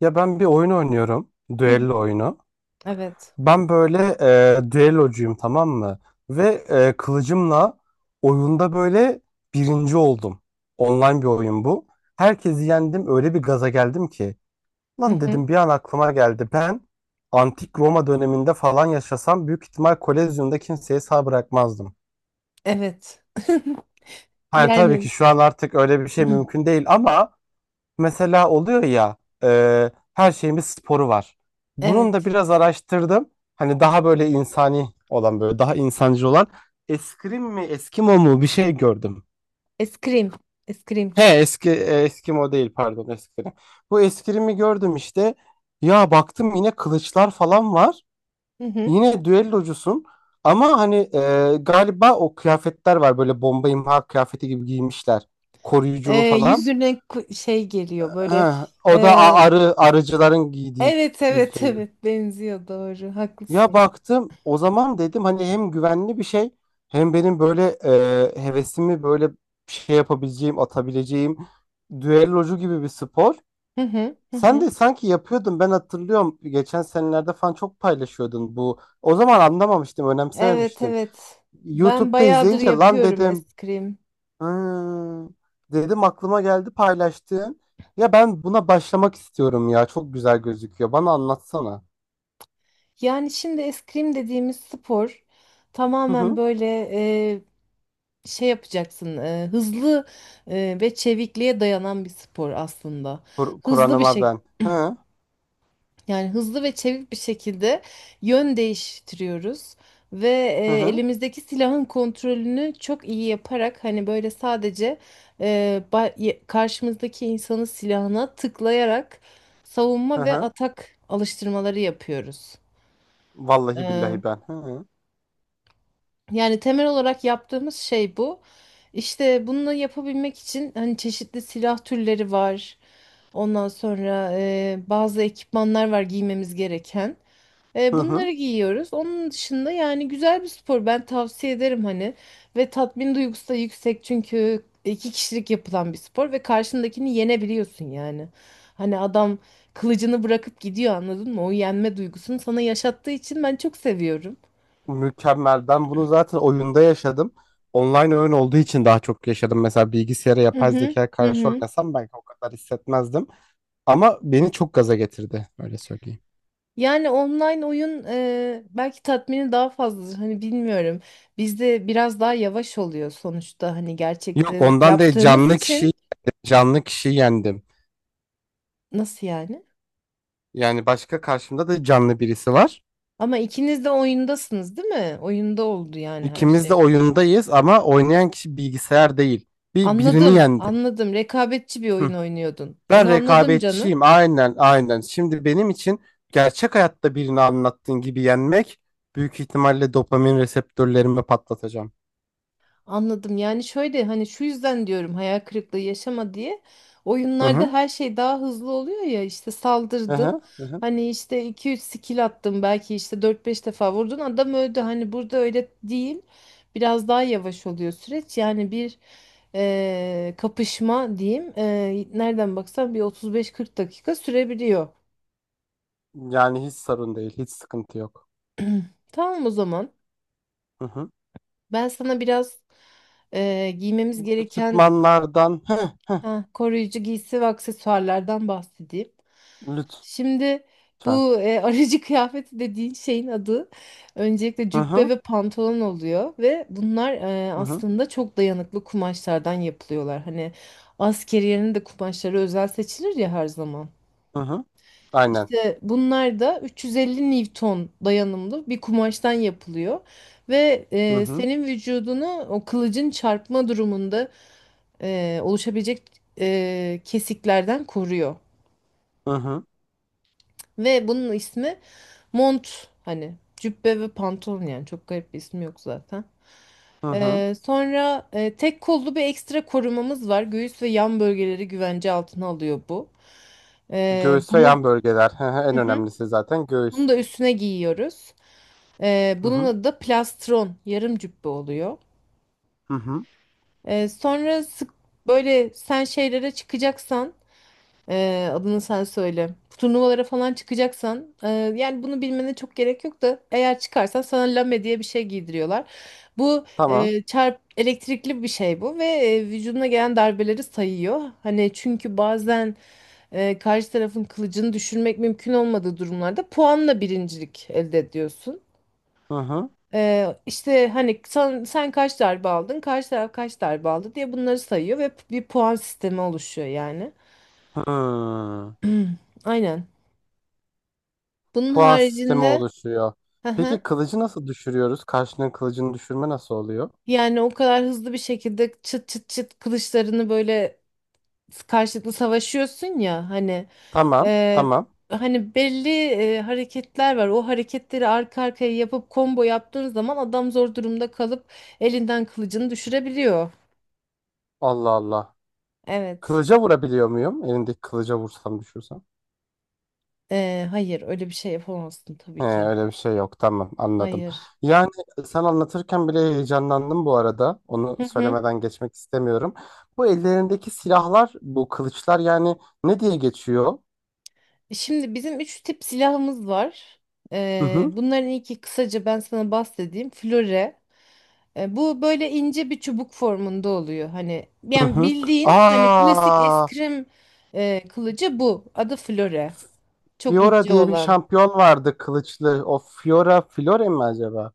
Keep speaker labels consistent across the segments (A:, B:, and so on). A: Ya ben bir oyun oynuyorum.
B: Hı hı.
A: Düello oyunu.
B: Evet.
A: Ben böyle düellocuyum, tamam mı? Ve kılıcımla oyunda böyle birinci oldum. Online bir oyun bu. Herkesi yendim, öyle bir gaza geldim ki.
B: Hı
A: Lan
B: hı.
A: dedim, bir an aklıma geldi. Ben antik Roma döneminde falan yaşasam, büyük ihtimal Kolezyum'da kimseye sağ bırakmazdım.
B: Evet.
A: Hani tabii ki
B: Yani
A: şu an artık öyle bir şey mümkün değil ama mesela oluyor ya, her şeyin bir sporu var. Bunun da
B: evet.
A: biraz araştırdım. Hani daha böyle insani olan, böyle daha insancı olan eskrim mi, eskimo mu bir şey gördüm.
B: Eskrim. Eskrim.
A: He, eski eskimo değil, pardon, eskrim. Bu eskrimi gördüm işte. Ya baktım, yine kılıçlar falan var.
B: Hı hı.
A: Yine düellocusun. Ama hani galiba o kıyafetler var, böyle bomba imha kıyafeti gibi giymişler. Koruyuculu falan.
B: Yüzüne şey geliyor
A: Ha,
B: böyle.
A: o da
B: ee,
A: arı, arıcıların giydiği
B: evet evet
A: yüzünü.
B: evet benziyor, doğru,
A: Ya
B: haklısın.
A: baktım, o zaman dedim hani hem güvenli bir şey, hem benim böyle hevesimi böyle şey yapabileceğim, atabileceğim düellocu gibi bir spor.
B: Hı hı. Hı
A: Sen
B: hı.
A: de sanki yapıyordun, ben hatırlıyorum, geçen senelerde falan çok paylaşıyordun bu. O zaman anlamamıştım,
B: Evet
A: önemsememiştim.
B: evet. Ben
A: YouTube'da
B: bayağıdır
A: izleyince lan
B: yapıyorum
A: dedim.
B: eskrim.
A: Ha, dedim, aklıma geldi paylaştığın. Ya ben buna başlamak istiyorum ya. Çok güzel gözüküyor. Bana anlatsana.
B: Yani şimdi eskrim dediğimiz spor
A: Hı
B: tamamen
A: hı.
B: böyle şey yapacaksın, hızlı ve çevikliğe dayanan bir spor aslında. Hızlı bir
A: Kur'an'ıma
B: şey,
A: ben. Hı hı.
B: yani hızlı ve çevik bir şekilde yön değiştiriyoruz ve
A: Hı hı.
B: elimizdeki silahın kontrolünü çok iyi yaparak, hani böyle sadece karşımızdaki insanın silahına tıklayarak savunma ve
A: Hı.
B: atak alıştırmaları yapıyoruz.
A: Vallahi billahi ben. Hı hı.
B: Yani temel olarak yaptığımız şey bu. İşte bunu yapabilmek için hani çeşitli silah türleri var. Ondan sonra bazı ekipmanlar var giymemiz gereken.
A: Hı
B: E,
A: hı.
B: bunları giyiyoruz. Onun dışında, yani güzel bir spor, ben tavsiye ederim hani. Ve tatmin duygusu da yüksek, çünkü iki kişilik yapılan bir spor ve karşındakini yenebiliyorsun yani. Hani adam kılıcını bırakıp gidiyor, anladın mı? O yenme duygusunu sana yaşattığı için ben çok seviyorum.
A: Mükemmel. Ben bunu zaten oyunda yaşadım. Online oyun olduğu için daha çok yaşadım. Mesela bilgisayara,
B: Hı
A: yapay
B: hı.
A: zekaya
B: Hı
A: karşı
B: hı.
A: oynasam belki o kadar hissetmezdim. Ama beni çok gaza getirdi. Öyle söyleyeyim.
B: Yani online oyun, belki tatmini daha fazladır. Hani bilmiyorum. Bizde biraz daha yavaş oluyor sonuçta. Hani
A: Yok,
B: gerçekte
A: ondan değil,
B: yaptığımız
A: canlı
B: için.
A: kişiyi, canlı kişiyi yendim.
B: Nasıl yani?
A: Yani başka, karşımda da canlı birisi var.
B: Ama ikiniz de oyundasınız, değil mi? Oyunda oldu yani her
A: İkimiz de
B: şey.
A: oyundayız ama oynayan kişi bilgisayar değil. Bir birini
B: Anladım,
A: yendim.
B: anladım. Rekabetçi bir
A: Hı.
B: oyun oynuyordun.
A: Ben
B: Onu anladım, canım.
A: rekabetçiyim. Aynen, aynen. Şimdi benim için gerçek hayatta birini anlattığın gibi yenmek, büyük ihtimalle dopamin reseptörlerimi patlatacağım.
B: Anladım. Yani şöyle, hani şu yüzden diyorum, hayal kırıklığı yaşama diye.
A: Hı
B: Oyunlarda
A: hı.
B: her şey daha hızlı oluyor ya, işte
A: Hı
B: saldırdın.
A: hı. Hı hı.
B: Hani işte iki üç skill attın, belki işte dört beş defa vurdun, adam öldü. Hani burada öyle değil. Biraz daha yavaş oluyor süreç. Yani bir kapışma diyeyim. Nereden baksan bir 35-40 dakika sürebiliyor.
A: Yani hiç sorun değil, hiç sıkıntı yok.
B: Tamam o zaman.
A: Hı hı.
B: Ben sana biraz giymemiz gereken,
A: Ekipmanlardan, hı,
B: ha, koruyucu giysi ve aksesuarlardan bahsedeyim.
A: lütfen.
B: Şimdi bu aracı kıyafeti dediğin şeyin adı öncelikle
A: Hı
B: cübbe
A: hı.
B: ve pantolon oluyor ve bunlar
A: Hı hı.
B: aslında çok dayanıklı kumaşlardan yapılıyorlar. Hani askeriyenin de kumaşları özel seçilir ya her zaman.
A: Hı hı. Aynen.
B: İşte bunlar da 350 Newton dayanımlı bir kumaştan yapılıyor ve
A: Hı hı.
B: senin vücudunu o kılıcın çarpma durumunda oluşabilecek kesiklerden koruyor.
A: Hı hı.
B: Ve bunun ismi mont, hani cübbe ve pantolon, yani çok garip bir ismi yok zaten.
A: Hı hı.
B: Sonra tek kollu bir ekstra korumamız var. Göğüs ve yan bölgeleri güvence altına alıyor bu. E,
A: Göğüs ve
B: bunu
A: yan bölgeler. Hı hı, en
B: hı hı,
A: önemlisi zaten
B: bunu
A: göğüs.
B: da üstüne giyiyoruz. E,
A: Hı
B: bunun
A: hı.
B: adı da plastron, yarım cübbe oluyor.
A: Hı hı.
B: Sonra sık böyle sen şeylere çıkacaksan. Adını sen söyle. Turnuvalara falan çıkacaksan, yani bunu bilmene çok gerek yok da, eğer çıkarsan sana lame diye bir şey giydiriyorlar. Bu
A: Tamam.
B: e, çarp elektrikli bir şey bu ve vücuduna gelen darbeleri sayıyor. Hani çünkü bazen karşı tarafın kılıcını düşürmek mümkün olmadığı durumlarda puanla birincilik elde ediyorsun.
A: Hı hı.
B: E, işte hani sen kaç darbe aldın, karşı taraf kaç darbe aldı diye bunları sayıyor ve bir puan sistemi oluşuyor yani.
A: Hı.
B: Aynen. Bunun
A: Puan sistemi
B: haricinde,
A: oluşuyor.
B: hı
A: Peki
B: hı,
A: kılıcı nasıl düşürüyoruz? Karşının kılıcını düşürme nasıl oluyor?
B: yani o kadar hızlı bir şekilde çıt çıt çıt kılıçlarını böyle karşılıklı savaşıyorsun ya, hani
A: Tamam.
B: e,
A: Tamam.
B: hani belli hareketler var. O hareketleri arka arkaya yapıp combo yaptığın zaman adam zor durumda kalıp elinden kılıcını düşürebiliyor.
A: Allah Allah.
B: Evet.
A: Kılıca vurabiliyor muyum? Elindeki kılıca vursam, düşürsem.
B: Hayır, öyle bir şey yapamazsın tabii
A: He,
B: ki.
A: öyle bir şey yok. Tamam, anladım.
B: Hayır.
A: Yani sen anlatırken bile heyecanlandım bu arada. Onu
B: Hı hı.
A: söylemeden geçmek istemiyorum. Bu ellerindeki silahlar, bu kılıçlar yani ne diye geçiyor?
B: Şimdi bizim üç tip silahımız var. Bunların ilki, kısaca ben sana bahsedeyim, flöre. Bu böyle ince bir çubuk formunda oluyor. Hani,
A: Hı
B: yani
A: hı.
B: bildiğin hani klasik
A: Aa,
B: eskrim kılıcı bu. Adı Flore. Çok
A: Fiora
B: ince
A: diye bir
B: olan.
A: şampiyon vardı kılıçlı. O Fiora Flore mi acaba?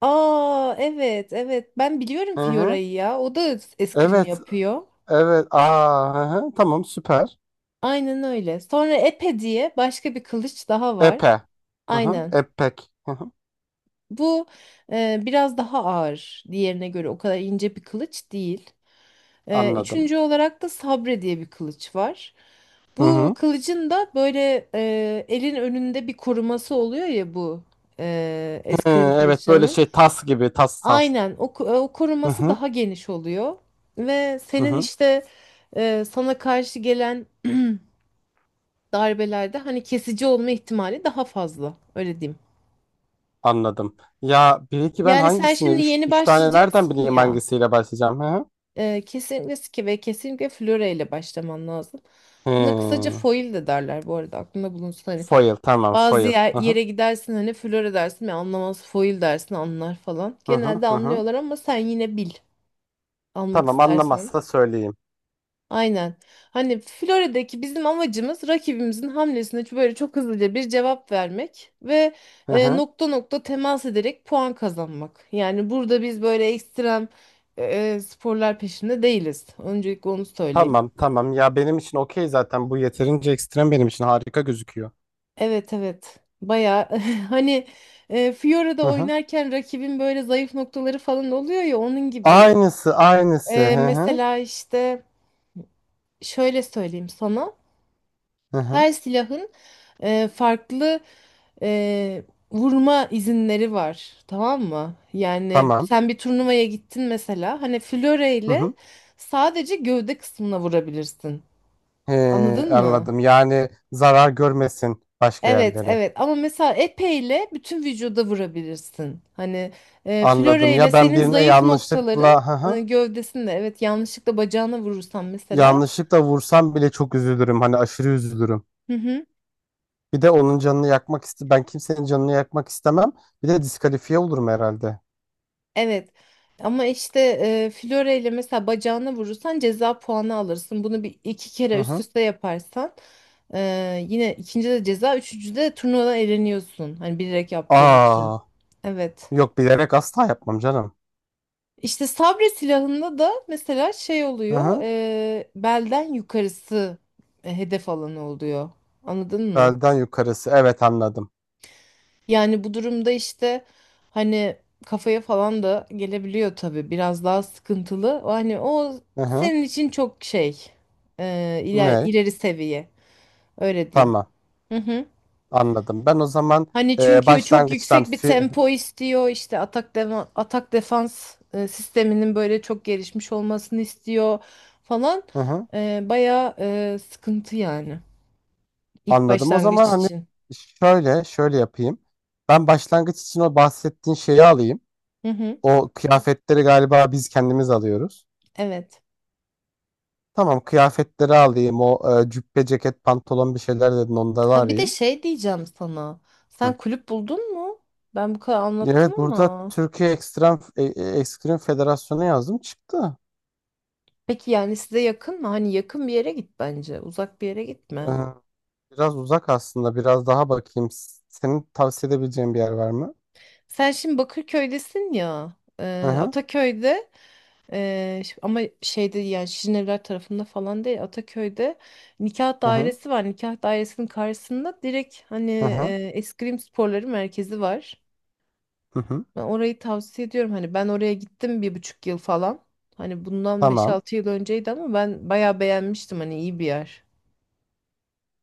B: Aa, evet evet, ben biliyorum
A: Hı hı.
B: Fiora'yı ya. O da eskrim
A: Evet,
B: yapıyor.
A: evet. Aa, hı hı. Tamam, süper.
B: Aynen öyle. Sonra Epe diye başka bir kılıç daha var.
A: Epe. Hı hı.
B: Aynen.
A: Epek. Hı hı.
B: Bu biraz daha ağır. Diğerine göre o kadar ince bir kılıç değil. Ee,
A: Anladım.
B: üçüncü olarak da sabre diye bir kılıç var.
A: Hı
B: Bu
A: hı.
B: kılıcın da böyle elin önünde bir koruması oluyor ya, bu
A: Hı,
B: eskrim
A: evet, böyle
B: kılıçlarının.
A: şey tas gibi, tas tas.
B: Aynen, o o
A: Hı
B: koruması
A: hı.
B: daha geniş oluyor. Ve
A: Hı
B: senin
A: hı.
B: işte sana karşı gelen darbelerde hani kesici olma ihtimali daha fazla, öyle diyeyim.
A: Anladım. Ya bir ki ben
B: Yani sen
A: hangisini,
B: şimdi
A: üç,
B: yeni
A: üç tane nereden
B: başlayacaksın
A: bileyim
B: ya.
A: hangisiyle başlayacağım? Hı hı.
B: Kesinlikle ve kesinlikle flöre ile başlaman lazım. Buna kısaca
A: Hı.
B: foil de derler, bu arada aklında bulunsun hani.
A: Foil, tamam,
B: Bazı
A: foil. Hı hı.
B: yere gidersin, hani flöre dersin ve anlamaz, foil dersin anlar falan.
A: Hı hı.
B: Genelde
A: Hı hı.
B: anlıyorlar ama sen yine bil almak
A: Tamam,
B: istersen.
A: anlamazsa söyleyeyim.
B: Aynen. Hani Florida'daki bizim amacımız, rakibimizin hamlesine böyle çok hızlıca bir cevap vermek ve
A: Hı hı.
B: nokta nokta temas ederek puan kazanmak. Yani burada biz böyle ekstrem sporlar peşinde değiliz. Öncelikle onu söyleyeyim.
A: Tamam tamam ya, benim için okey, zaten bu yeterince ekstrem, benim için harika gözüküyor.
B: Evet evet. Baya hani Fiora'da
A: Hı hı.
B: oynarken rakibin böyle zayıf noktaları falan oluyor ya, onun gibi.
A: Aynısı aynısı.
B: E,
A: Hı hı.
B: mesela işte, şöyle söyleyeyim sana.
A: Hı hı.
B: Her silahın farklı e, vurma izinleri var. Tamam mı? Yani
A: Tamam.
B: sen bir turnuvaya gittin mesela. Hani Fiora
A: Hı
B: ile
A: hı.
B: sadece gövde kısmına vurabilirsin. Anladın mı?
A: Anladım. Yani zarar görmesin başka
B: Evet
A: yerlere.
B: evet, ama mesela epeyle bütün vücuda vurabilirsin. Hani
A: Anladım.
B: floreyle
A: Ya ben
B: senin
A: birine
B: zayıf noktaların
A: yanlışlıkla hı hı.
B: gövdesinde, evet, yanlışlıkla bacağına vurursan mesela.
A: Yanlışlıkla vursam bile çok üzülürüm. Hani aşırı üzülürüm.
B: Hı hı,
A: Bir de onun canını yakmak iste, ben kimsenin canını yakmak istemem. Bir de diskalifiye olurum herhalde.
B: evet, ama işte floreyle mesela bacağına vurursan ceza puanı alırsın. Bunu bir iki
A: Hı
B: kere üst
A: hı.
B: üste yaparsan yine, ikinci de ceza, üçüncü de turnuvadan eleniyorsun. Hani bilerek yaptığın için.
A: Aa,
B: Evet.
A: yok, bilerek asla yapmam canım.
B: İşte sabre silahında da mesela şey
A: Hı
B: oluyor,
A: hı.
B: belden yukarısı hedef alanı oluyor. Anladın mı?
A: Belden yukarısı. Evet, anladım.
B: Yani bu durumda işte, hani kafaya falan da gelebiliyor tabii. Biraz daha sıkıntılı. O, hani o
A: Hı hı.
B: senin için çok şey,
A: Ne?
B: ileri seviye. Öyle diyeyim.
A: Tamam. Anladım. Ben o zaman
B: Hani
A: e,
B: çünkü çok
A: başlangıçtan
B: yüksek bir
A: fi-
B: tempo istiyor. İşte atak atak defans sisteminin böyle çok gelişmiş olmasını istiyor falan.
A: hı hı.
B: Bayağı sıkıntı, yani ilk
A: Anladım. O zaman
B: başlangıç
A: hani
B: için.
A: şöyle, şöyle yapayım. Ben başlangıç için o bahsettiğin şeyi alayım.
B: Hı hı,
A: O kıyafetleri galiba biz kendimiz alıyoruz.
B: evet.
A: Tamam, kıyafetleri alayım. O cübbe, ceket, pantolon bir şeyler dedin, onları
B: Ha, bir de
A: arayayım.
B: şey diyeceğim sana.
A: Hı.
B: Sen kulüp buldun mu? Ben bu kadar anlattım
A: Evet, burada
B: ama.
A: Türkiye Ekstrem Ekstrem Federasyonu yazdım, çıktı.
B: Peki, yani size yakın mı? Hani yakın bir yere git bence. Uzak bir yere gitme.
A: Biraz uzak aslında. Biraz daha bakayım. Senin tavsiye edebileceğin bir yer var mı?
B: Sen şimdi Bakırköy'desin ya.
A: Hı hı.
B: Ataköy'de. Ama şeyde, yani Şirinevler tarafında falan değil, Ataköy'de nikah
A: Hı hı.
B: dairesi var. Nikah dairesinin karşısında direkt, hani
A: Hı hı.
B: eskrim sporları merkezi var.
A: Hı hı.
B: Ben orayı tavsiye ediyorum. Hani ben oraya gittim 1,5 yıl falan. Hani bundan beş
A: Tamam.
B: altı yıl önceydi ama ben bayağı beğenmiştim. Hani iyi bir yer.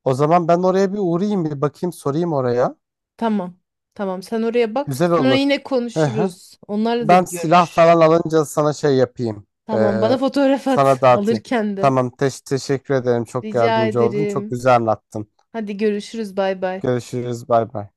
A: O zaman ben oraya bir uğrayayım, bir bakayım, sorayım oraya.
B: Tamam. Tamam, sen oraya bak.
A: Güzel
B: Sonra
A: olur.
B: yine
A: Hı hı.
B: konuşuruz. Onlarla da
A: Ben
B: bir
A: silah
B: görüş.
A: falan alınca sana şey yapayım.
B: Tamam, bana
A: Ee,
B: fotoğraf
A: sana
B: at
A: dağıtayım.
B: alırken de.
A: Tamam. Teşekkür ederim. Çok
B: Rica
A: yardımcı oldun. Çok
B: ederim.
A: güzel anlattın.
B: Hadi görüşürüz, bay bay.
A: Görüşürüz. Bay bay.